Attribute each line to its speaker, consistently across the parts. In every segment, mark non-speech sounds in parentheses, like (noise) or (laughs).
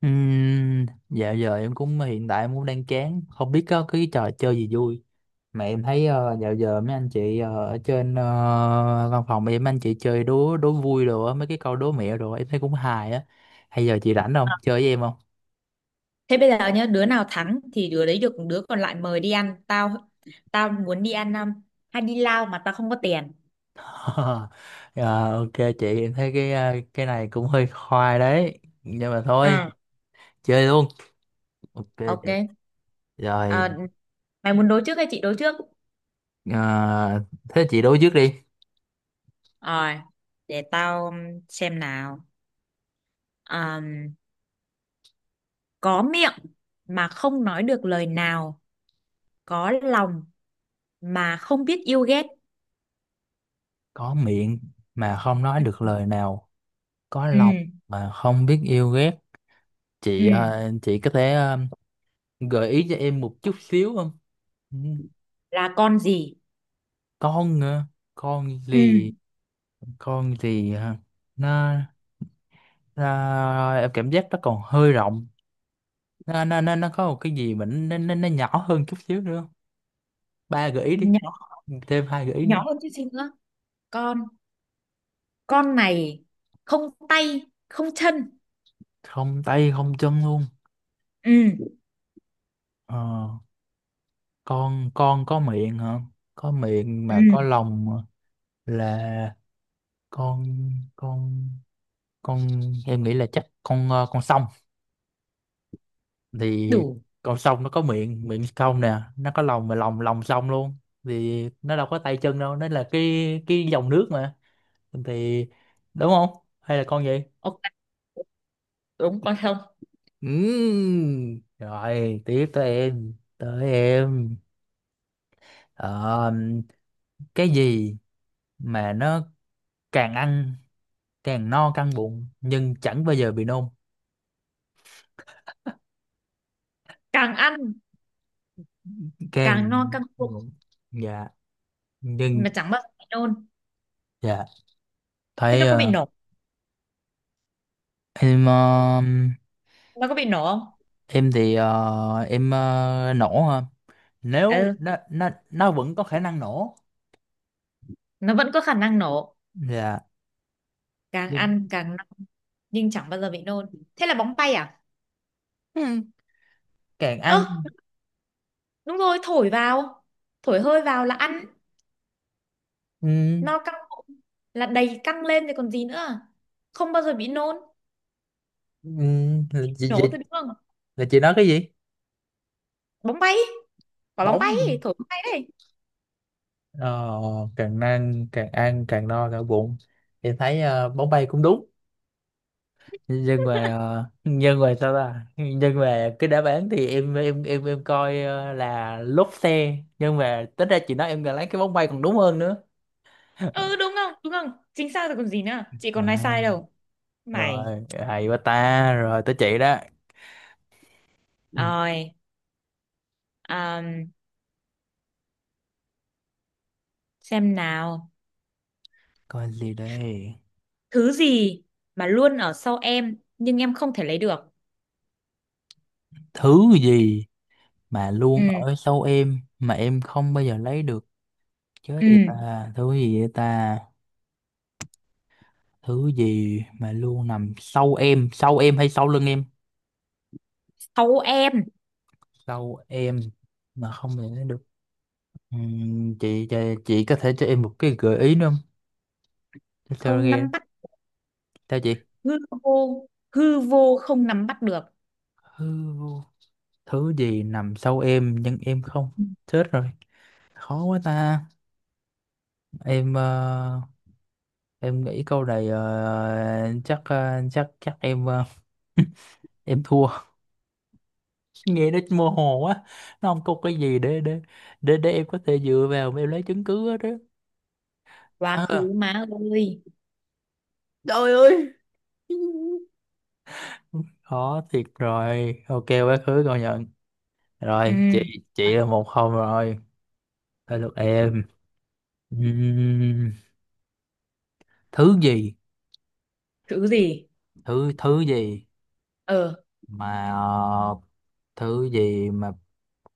Speaker 1: Dạo giờ em cũng hiện tại em cũng đang chán, không biết có cái trò chơi gì vui mà em thấy, dạo giờ mấy anh chị, ở trên, văn phòng em, anh chị chơi đố đố vui đồ á, mấy cái câu đố mẹo đồ em thấy cũng hài á. Hay giờ chị rảnh không, chơi với em không?
Speaker 2: Thế bây giờ nhá, đứa nào thắng thì đứa đấy được đứa còn lại mời đi ăn. Tao tao muốn đi ăn hay đi lao mà tao không có tiền.
Speaker 1: (laughs) Ờ, ok. Chị, em thấy cái, cái này cũng hơi khoai đấy nhưng mà thôi,
Speaker 2: À,
Speaker 1: chơi luôn. Ok chị.
Speaker 2: ok. Ờ,
Speaker 1: Rồi.
Speaker 2: mày muốn đối trước hay chị đối trước?
Speaker 1: Ờ, Thế chị đố trước đi.
Speaker 2: Rồi, để tao xem nào. Ờm, có miệng mà không nói được lời nào, có lòng mà không biết yêu ghét.
Speaker 1: Có miệng mà không nói được lời nào, có
Speaker 2: Ừ,
Speaker 1: lòng mà không biết yêu ghét.
Speaker 2: ừ,
Speaker 1: Chị có thể, gợi ý cho em một chút xíu không? Ừ.
Speaker 2: là con gì?
Speaker 1: con ờ, con
Speaker 2: Ừ,
Speaker 1: gì? Con gì hả? nó, nó em cảm giác nó còn hơi rộng. Nó có một cái gì mà nó nhỏ hơn chút xíu nữa không? Ba gợi ý đi,
Speaker 2: nhỏ
Speaker 1: thêm hai gợi ý nữa.
Speaker 2: nhỏ hơn chút xíu nữa. Con con này không tay không chân.
Speaker 1: Không tay không chân luôn.
Speaker 2: Ừ,
Speaker 1: ờ, con, có miệng hả? Có miệng
Speaker 2: ừ,
Speaker 1: mà có lòng là con, con con em nghĩ là chắc con, con sông. Thì
Speaker 2: đủ,
Speaker 1: con sông nó có miệng, miệng sông nè, nó có lòng mà lòng lòng sông luôn. Thì nó đâu có tay chân đâu, nó là cái dòng nước mà. Thì, đúng không? Hay là con gì?
Speaker 2: ok, đúng con không.
Speaker 1: Rồi tiếp tới em, tới em. Ờ, cái gì mà nó càng ăn càng no căng bụng nhưng chẳng bao giờ bị nôn?
Speaker 2: Càng ăn
Speaker 1: Càng.
Speaker 2: càng no căng bụng
Speaker 1: Dạ. Nhưng.
Speaker 2: mà chẳng bao giờ bị nôn.
Speaker 1: Dạ.
Speaker 2: Thế
Speaker 1: Thấy,
Speaker 2: nó có bị nổ,
Speaker 1: em,
Speaker 2: nó có bị nổ không?
Speaker 1: em thì, em, nổ ha. Nếu
Speaker 2: Ừ,
Speaker 1: nó vẫn có khả năng nổ.
Speaker 2: nó vẫn có khả năng nổ.
Speaker 1: Dạ.
Speaker 2: Càng
Speaker 1: Nhưng.
Speaker 2: ăn càng no nhưng chẳng bao giờ bị nôn. Thế là bóng bay à?
Speaker 1: ừ, càng
Speaker 2: Ơ,
Speaker 1: ăn.
Speaker 2: đúng rồi, thổi vào, thổi hơi vào là ăn,
Speaker 1: ừ,
Speaker 2: no căng bụng là đầy căng lên thì còn gì nữa, không bao giờ bị nôn,
Speaker 1: ừ, là chị
Speaker 2: nổ thôi đúng không?
Speaker 1: là chị nói cái gì?
Speaker 2: Bóng bay, quả bóng bay,
Speaker 1: Bóng.
Speaker 2: thổi bóng bay đấy.
Speaker 1: ờ, càng ăn càng no cả bụng. Em thấy, bóng bay cũng đúng, nhưng mà,
Speaker 2: (laughs)
Speaker 1: nhưng mà sao ta, nhưng mà cái đáp án thì em coi, là lốp xe, nhưng mà tính ra chị nói em là lấy cái bóng bay còn đúng hơn nữa.
Speaker 2: Ừ, đúng không? Đúng không? Chính xác rồi còn gì nữa, chị còn nói sai
Speaker 1: À,
Speaker 2: đâu. Mày
Speaker 1: rồi, hay quá ta. Rồi tới chị đó. Ừ.
Speaker 2: rồi. um, xem nào.
Speaker 1: Coi gì đây?
Speaker 2: Thứ gì mà luôn ở sau em nhưng em không thể lấy được?
Speaker 1: Thứ gì mà luôn
Speaker 2: Ừ,
Speaker 1: ở sau em mà em không bao giờ lấy được? Chết
Speaker 2: ừ,
Speaker 1: vậy ta. Thứ gì vậy ta? Thứ gì mà luôn nằm sau em, sau em hay sau lưng em?
Speaker 2: sau em,
Speaker 1: Sau em mà không bao giờ lấy được? Chị, có thể cho em một cái gợi ý nữa không? Để sao
Speaker 2: không
Speaker 1: nghe.
Speaker 2: nắm bắt,
Speaker 1: Sao chị?
Speaker 2: hư vô, hư vô không nắm bắt được.
Speaker 1: thứ, thứ gì nằm sau em nhưng em không.
Speaker 2: Ừ.
Speaker 1: Chết rồi, khó quá ta. Em, em nghĩ câu này, chắc, ờ, chắc chắc em, (laughs) em thua. Nghe nó mơ hồ quá, nó không có cái gì để em có thể dựa vào mà em lấy chứng cứ hết đó.
Speaker 2: Quá
Speaker 1: À,
Speaker 2: khứ má ơi.
Speaker 1: khó thiệt rồi, ok, quá khứ, công nhận.
Speaker 2: Ừ.
Speaker 1: Rồi
Speaker 2: Quá-
Speaker 1: chị là một không rồi. Tới lượt em. Ừm, thứ gì,
Speaker 2: Thứ gì?
Speaker 1: thứ thứ gì
Speaker 2: Ờ,
Speaker 1: mà ờ, thứ gì mà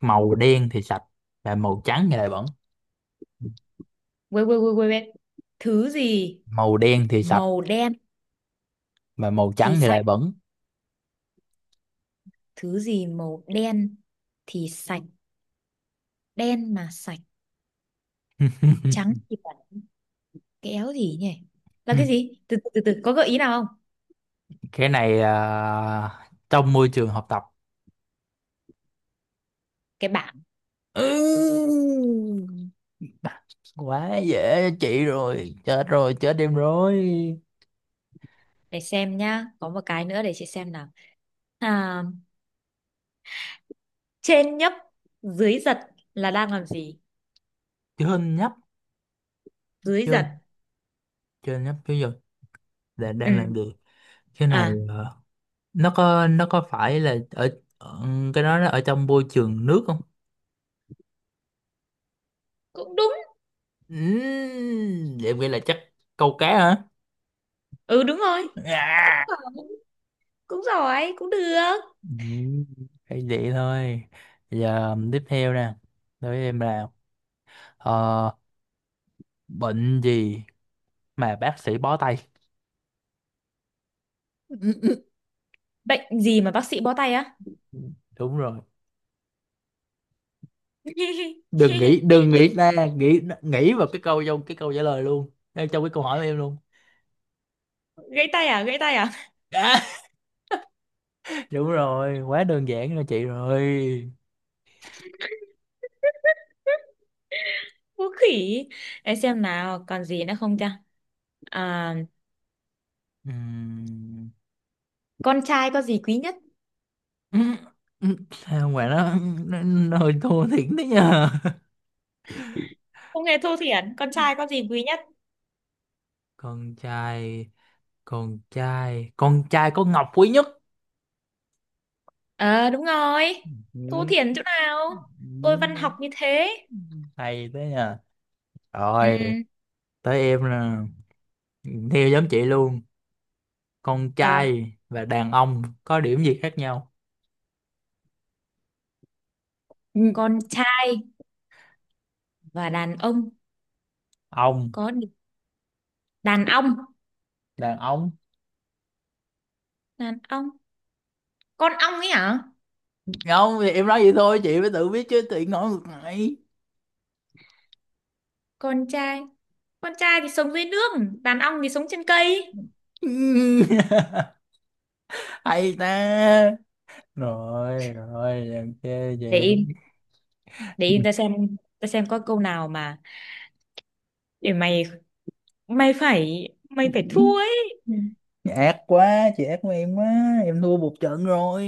Speaker 1: màu đen thì sạch và màu trắng thì lại bẩn?
Speaker 2: quên quên quên quên quên. Thứ gì
Speaker 1: Màu đen thì sạch
Speaker 2: màu đen
Speaker 1: mà màu
Speaker 2: thì
Speaker 1: trắng thì
Speaker 2: sạch?
Speaker 1: lại bẩn.
Speaker 2: Thứ gì màu đen thì sạch, đen mà sạch, trắng
Speaker 1: (laughs)
Speaker 2: thì bẩn, kéo gì nhỉ, là cái gì? Từ từ từ, từ. Có gợi ý nào không?
Speaker 1: Cái này à, trong môi trường học tập.
Speaker 2: Cái bảng.
Speaker 1: Ừ. Quá dễ cho chị rồi, chết rồi, chết em rồi.
Speaker 2: Để xem nhá, có một cái nữa để chị xem nào. À, trên nhấp dưới giật là đang làm gì?
Speaker 1: Trên nhấp,
Speaker 2: Dưới giật.
Speaker 1: trên trên nhấp chứ giờ là đang làm
Speaker 2: Ừ.
Speaker 1: gì? Cái này,
Speaker 2: À,
Speaker 1: nó có, phải là ở, ở- cái đó nó ở trong môi trường nước không?
Speaker 2: cũng đúng.
Speaker 1: Vậy vậy là chắc câu cá hả?
Speaker 2: Ừ, đúng rồi. Cũng
Speaker 1: À.
Speaker 2: giỏi, cũng giỏi cũng được.
Speaker 1: Ừm, phải vậy thôi. Giờ tiếp theo nè, đối với em là, Ờ, bệnh gì mà bác sĩ bó tay? (laughs)
Speaker 2: Bệnh gì mà bác sĩ bó tay á?
Speaker 1: Ừ. Đúng rồi.
Speaker 2: (laughs)
Speaker 1: Đừng nghĩ, đừng nghĩ ra, nghĩ nghĩ vào cái câu, trong cái câu trả lời luôn. Ngay trong cái câu hỏi của em luôn.
Speaker 2: Gãy tay à? Gãy tay à?
Speaker 1: (laughs) À, đúng rồi, quá đơn giản cho chị rồi.
Speaker 2: (laughs) Vũ khỉ. Để xem nào, còn gì nữa không ta? À,
Speaker 1: Ừm.
Speaker 2: con trai có gì quý nhất?
Speaker 1: (laughs) Sao mà nó, nó hơi thua thiệt đấy nha.
Speaker 2: Không nghe thua thiển, con trai có gì quý nhất?
Speaker 1: (laughs) Con trai, con trai, con trai có ngọc quý nhất.
Speaker 2: Ờ, đúng rồi. Thua
Speaker 1: Ừm.
Speaker 2: thiển chỗ nào? Tôi văn học như thế.
Speaker 1: Hay thế nha.
Speaker 2: Ừ,
Speaker 1: Rồi, tới em nè. Theo giống chị luôn. Con
Speaker 2: ờ,
Speaker 1: trai và đàn ông có điểm gì khác nhau? Ừ.
Speaker 2: con trai và đàn ông
Speaker 1: Ông,
Speaker 2: có đàn ông,
Speaker 1: đàn ông.
Speaker 2: đàn ông. Con ong ấy hả?
Speaker 1: Không, thì em nói vậy thôi chị mới tự biết chứ, tự ngồi ngược lại.
Speaker 2: Con trai, con trai thì sống dưới nước, đàn ong thì sống trên cây.
Speaker 1: Ừ. (laughs) Hay ta. Rồi rồi làm chê chị.
Speaker 2: Để im, để im ta xem có câu nào mà để mày, mày phải thua ấy.
Speaker 1: Ừ. Ác quá chị, ác của em quá. Em thua một trận rồi.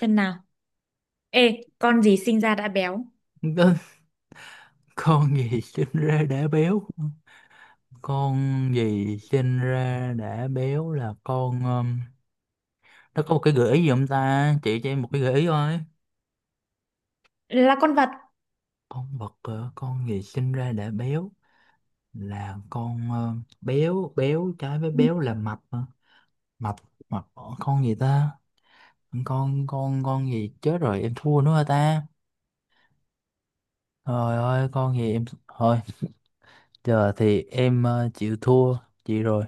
Speaker 2: Xem nào. Ê, con gì sinh ra đã béo?
Speaker 1: (laughs) con con gì sinh ra đã béo? Con gì sinh ra đã béo là con, nó có một cái gợi ý gì không ta, chị cho em một cái gợi ý thôi.
Speaker 2: Là con vật.
Speaker 1: Con vật, con gì sinh ra đã béo là con, béo béo trái với
Speaker 2: Ừ,
Speaker 1: béo là mập hả? Mập, mập, con gì ta? Con gì, chết rồi, em thua nữa hả ta? Trời ơi, con gì em thôi, giờ thì em, chịu thua chị rồi.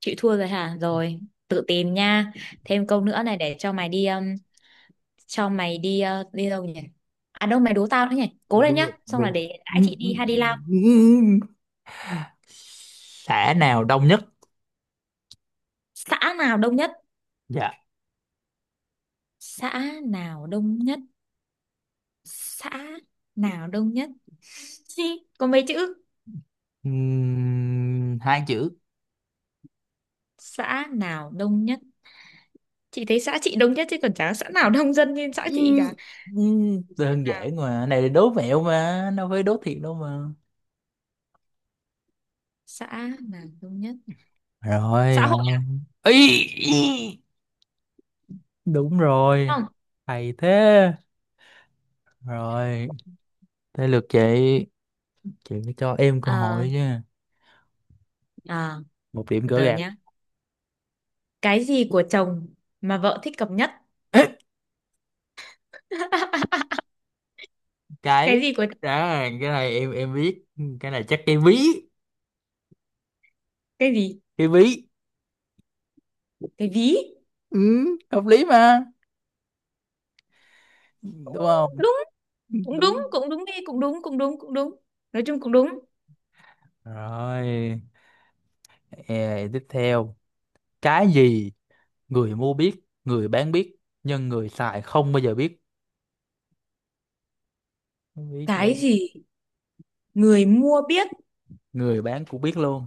Speaker 2: chịu thua rồi hả? Rồi tự tìm nha. Thêm câu nữa này để cho mày đi đi đâu nhỉ, à đâu mày đố tao nữa nhỉ, cố lên nhá,
Speaker 1: Được,
Speaker 2: xong là
Speaker 1: được.
Speaker 2: để đãi chị đi hay đi lao.
Speaker 1: Xã nào đông nhất?
Speaker 2: Xã nào đông nhất?
Speaker 1: Dạ.
Speaker 2: Xã nào đông nhất? Xã nào đông nhất? Gì, có mấy chữ?
Speaker 1: Hai chữ.
Speaker 2: Xã nào đông nhất? Chị thấy xã chị đông nhất chứ còn chả có xã nào đông dân như xã
Speaker 1: Ừ,
Speaker 2: chị cả.
Speaker 1: ừ.
Speaker 2: Xã
Speaker 1: Đơn
Speaker 2: nào,
Speaker 1: giản mà, này là đố mẹo mà đâu phải đố thiệt đâu mà.
Speaker 2: xã nào đông nhất?
Speaker 1: Rồi,
Speaker 2: Xã hội.
Speaker 1: rồi. Ý, ý. Đúng
Speaker 2: Đúng
Speaker 1: rồi.
Speaker 2: không?
Speaker 1: Hay thế. Rồi tới lượt chị phải cho em cơ
Speaker 2: Ờ,
Speaker 1: hội chứ.
Speaker 2: à,
Speaker 1: Một điểm
Speaker 2: từ
Speaker 1: gỡ
Speaker 2: từ
Speaker 1: gạc.
Speaker 2: nhá. Cái gì của chồng mà vợ thích cọc nhất?
Speaker 1: (laughs)
Speaker 2: (laughs) Cái
Speaker 1: Cái
Speaker 2: gì của
Speaker 1: đó, cái này em biết. Cái này chắc cái ví.
Speaker 2: cái gì?
Speaker 1: Cái ví.
Speaker 2: Cái ví.
Speaker 1: Ừ. Hợp lý mà. Đúng không?
Speaker 2: Đúng, cũng đúng,
Speaker 1: Đúng
Speaker 2: cũng đúng đi, cũng đúng, cũng đúng, cũng đúng. Nói chung cũng đúng.
Speaker 1: rồi. Ê, tiếp theo. Cái gì người mua biết, người bán biết nhưng người xài không bao giờ biết? Biết chưa?
Speaker 2: Cái gì người mua biết?
Speaker 1: Người bán cũng biết luôn,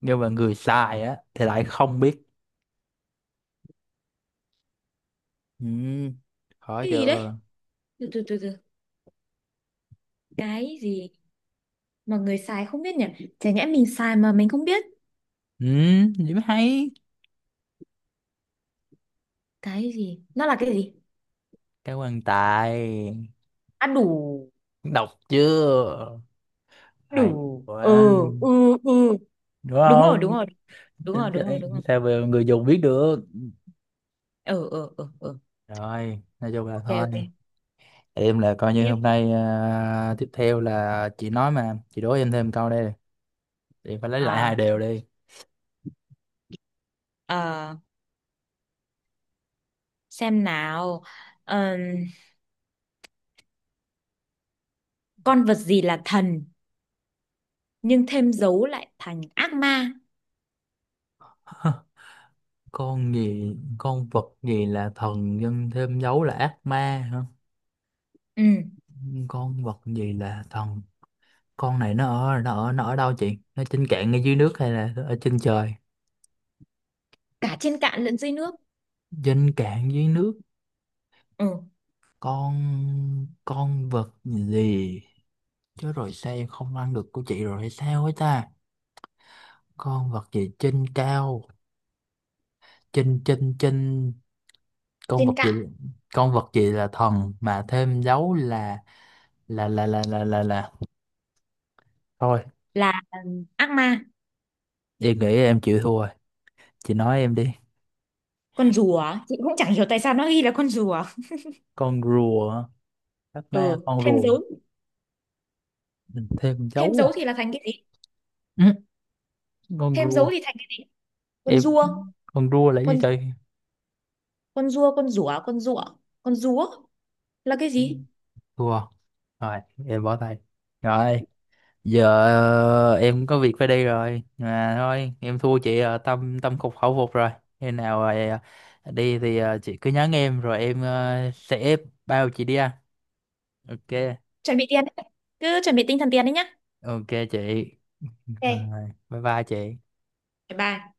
Speaker 1: nhưng mà người xài á thì lại không biết. Ừ. Khó
Speaker 2: Cái gì đấy?
Speaker 1: chưa?
Speaker 2: Từ từ từ từ. Cái gì mà người xài không biết nhỉ? Chả nhẽ mình xài mà mình không biết.
Speaker 1: Ừ. Điểm hay.
Speaker 2: Cái gì? Nó là cái gì?
Speaker 1: Cảm ơn Tài.
Speaker 2: À đủ,
Speaker 1: Đọc chưa? Hay
Speaker 2: đủ. Ừ,
Speaker 1: quá.
Speaker 2: ừ, ừ.
Speaker 1: Đúng
Speaker 2: Đúng rồi, đúng
Speaker 1: không?
Speaker 2: rồi, đúng
Speaker 1: Chính
Speaker 2: rồi, đúng rồi,
Speaker 1: xác.
Speaker 2: đúng rồi.
Speaker 1: Sao mà người dùng biết được?
Speaker 2: Ừ, ừ, ừ, ừ.
Speaker 1: Rồi nói chung là
Speaker 2: Ok,
Speaker 1: thôi.
Speaker 2: ok.
Speaker 1: Em là coi như
Speaker 2: Tiếp.
Speaker 1: hôm nay, à, tiếp theo là chị nói mà chị đố em thêm câu đây, em phải lấy lại
Speaker 2: À,
Speaker 1: hai đều đi.
Speaker 2: à, xem nào, ờ, con vật gì là thần nhưng thêm dấu lại thành ác ma.
Speaker 1: (laughs) Con vật gì là thần nhân thêm dấu là ác ma. Hả?
Speaker 2: Ừ,
Speaker 1: Con vật gì là thần? Con này nó ở đâu chị? Nó trên cạn ngay dưới nước hay là ở trên trời?
Speaker 2: cả trên cạn lẫn dưới nước.
Speaker 1: Trên cạn dưới nước.
Speaker 2: Ừ,
Speaker 1: con con vật gì, chứ rồi sao em không ăn được của chị rồi hay sao ấy ta? Con vật gì trên cao, trên trên trên. Con
Speaker 2: trên
Speaker 1: vật gì?
Speaker 2: cạn
Speaker 1: Con vật gì là thần mà thêm dấu là. Thôi
Speaker 2: là ừ, ác ma.
Speaker 1: em nghĩ em chịu thua, chị nói em đi.
Speaker 2: Con rùa, á, chị cũng chẳng hiểu tại sao nó ghi là con rùa. (laughs)
Speaker 1: Con rùa hả? Các ma
Speaker 2: Ừ,
Speaker 1: con rùa? Mình thêm
Speaker 2: thêm
Speaker 1: dấu
Speaker 2: dấu
Speaker 1: à?
Speaker 2: thì là thành cái gì?
Speaker 1: Ừ. Con
Speaker 2: Thêm dấu
Speaker 1: rùa.
Speaker 2: thì thành cái con
Speaker 1: Em,
Speaker 2: rùa,
Speaker 1: con rùa là gì
Speaker 2: con
Speaker 1: trời?
Speaker 2: con rùa, con rùa, con rùa, con rùa là cái gì?
Speaker 1: Rùa. Rồi em bỏ tay. Rồi giờ, em có việc phải đi rồi mà thôi, em thua chị, tâm tâm phục khẩu phục rồi. Khi nào, đi thì, chị cứ nhắn em rồi em, sẽ bao chị đi ăn. Ok.
Speaker 2: Chuẩn bị tiền đấy. Cứ chuẩn bị tinh thần tiền đấy nhá.
Speaker 1: Ok chị.
Speaker 2: Ok,
Speaker 1: Rồi bye bye chị.
Speaker 2: bye. Bye.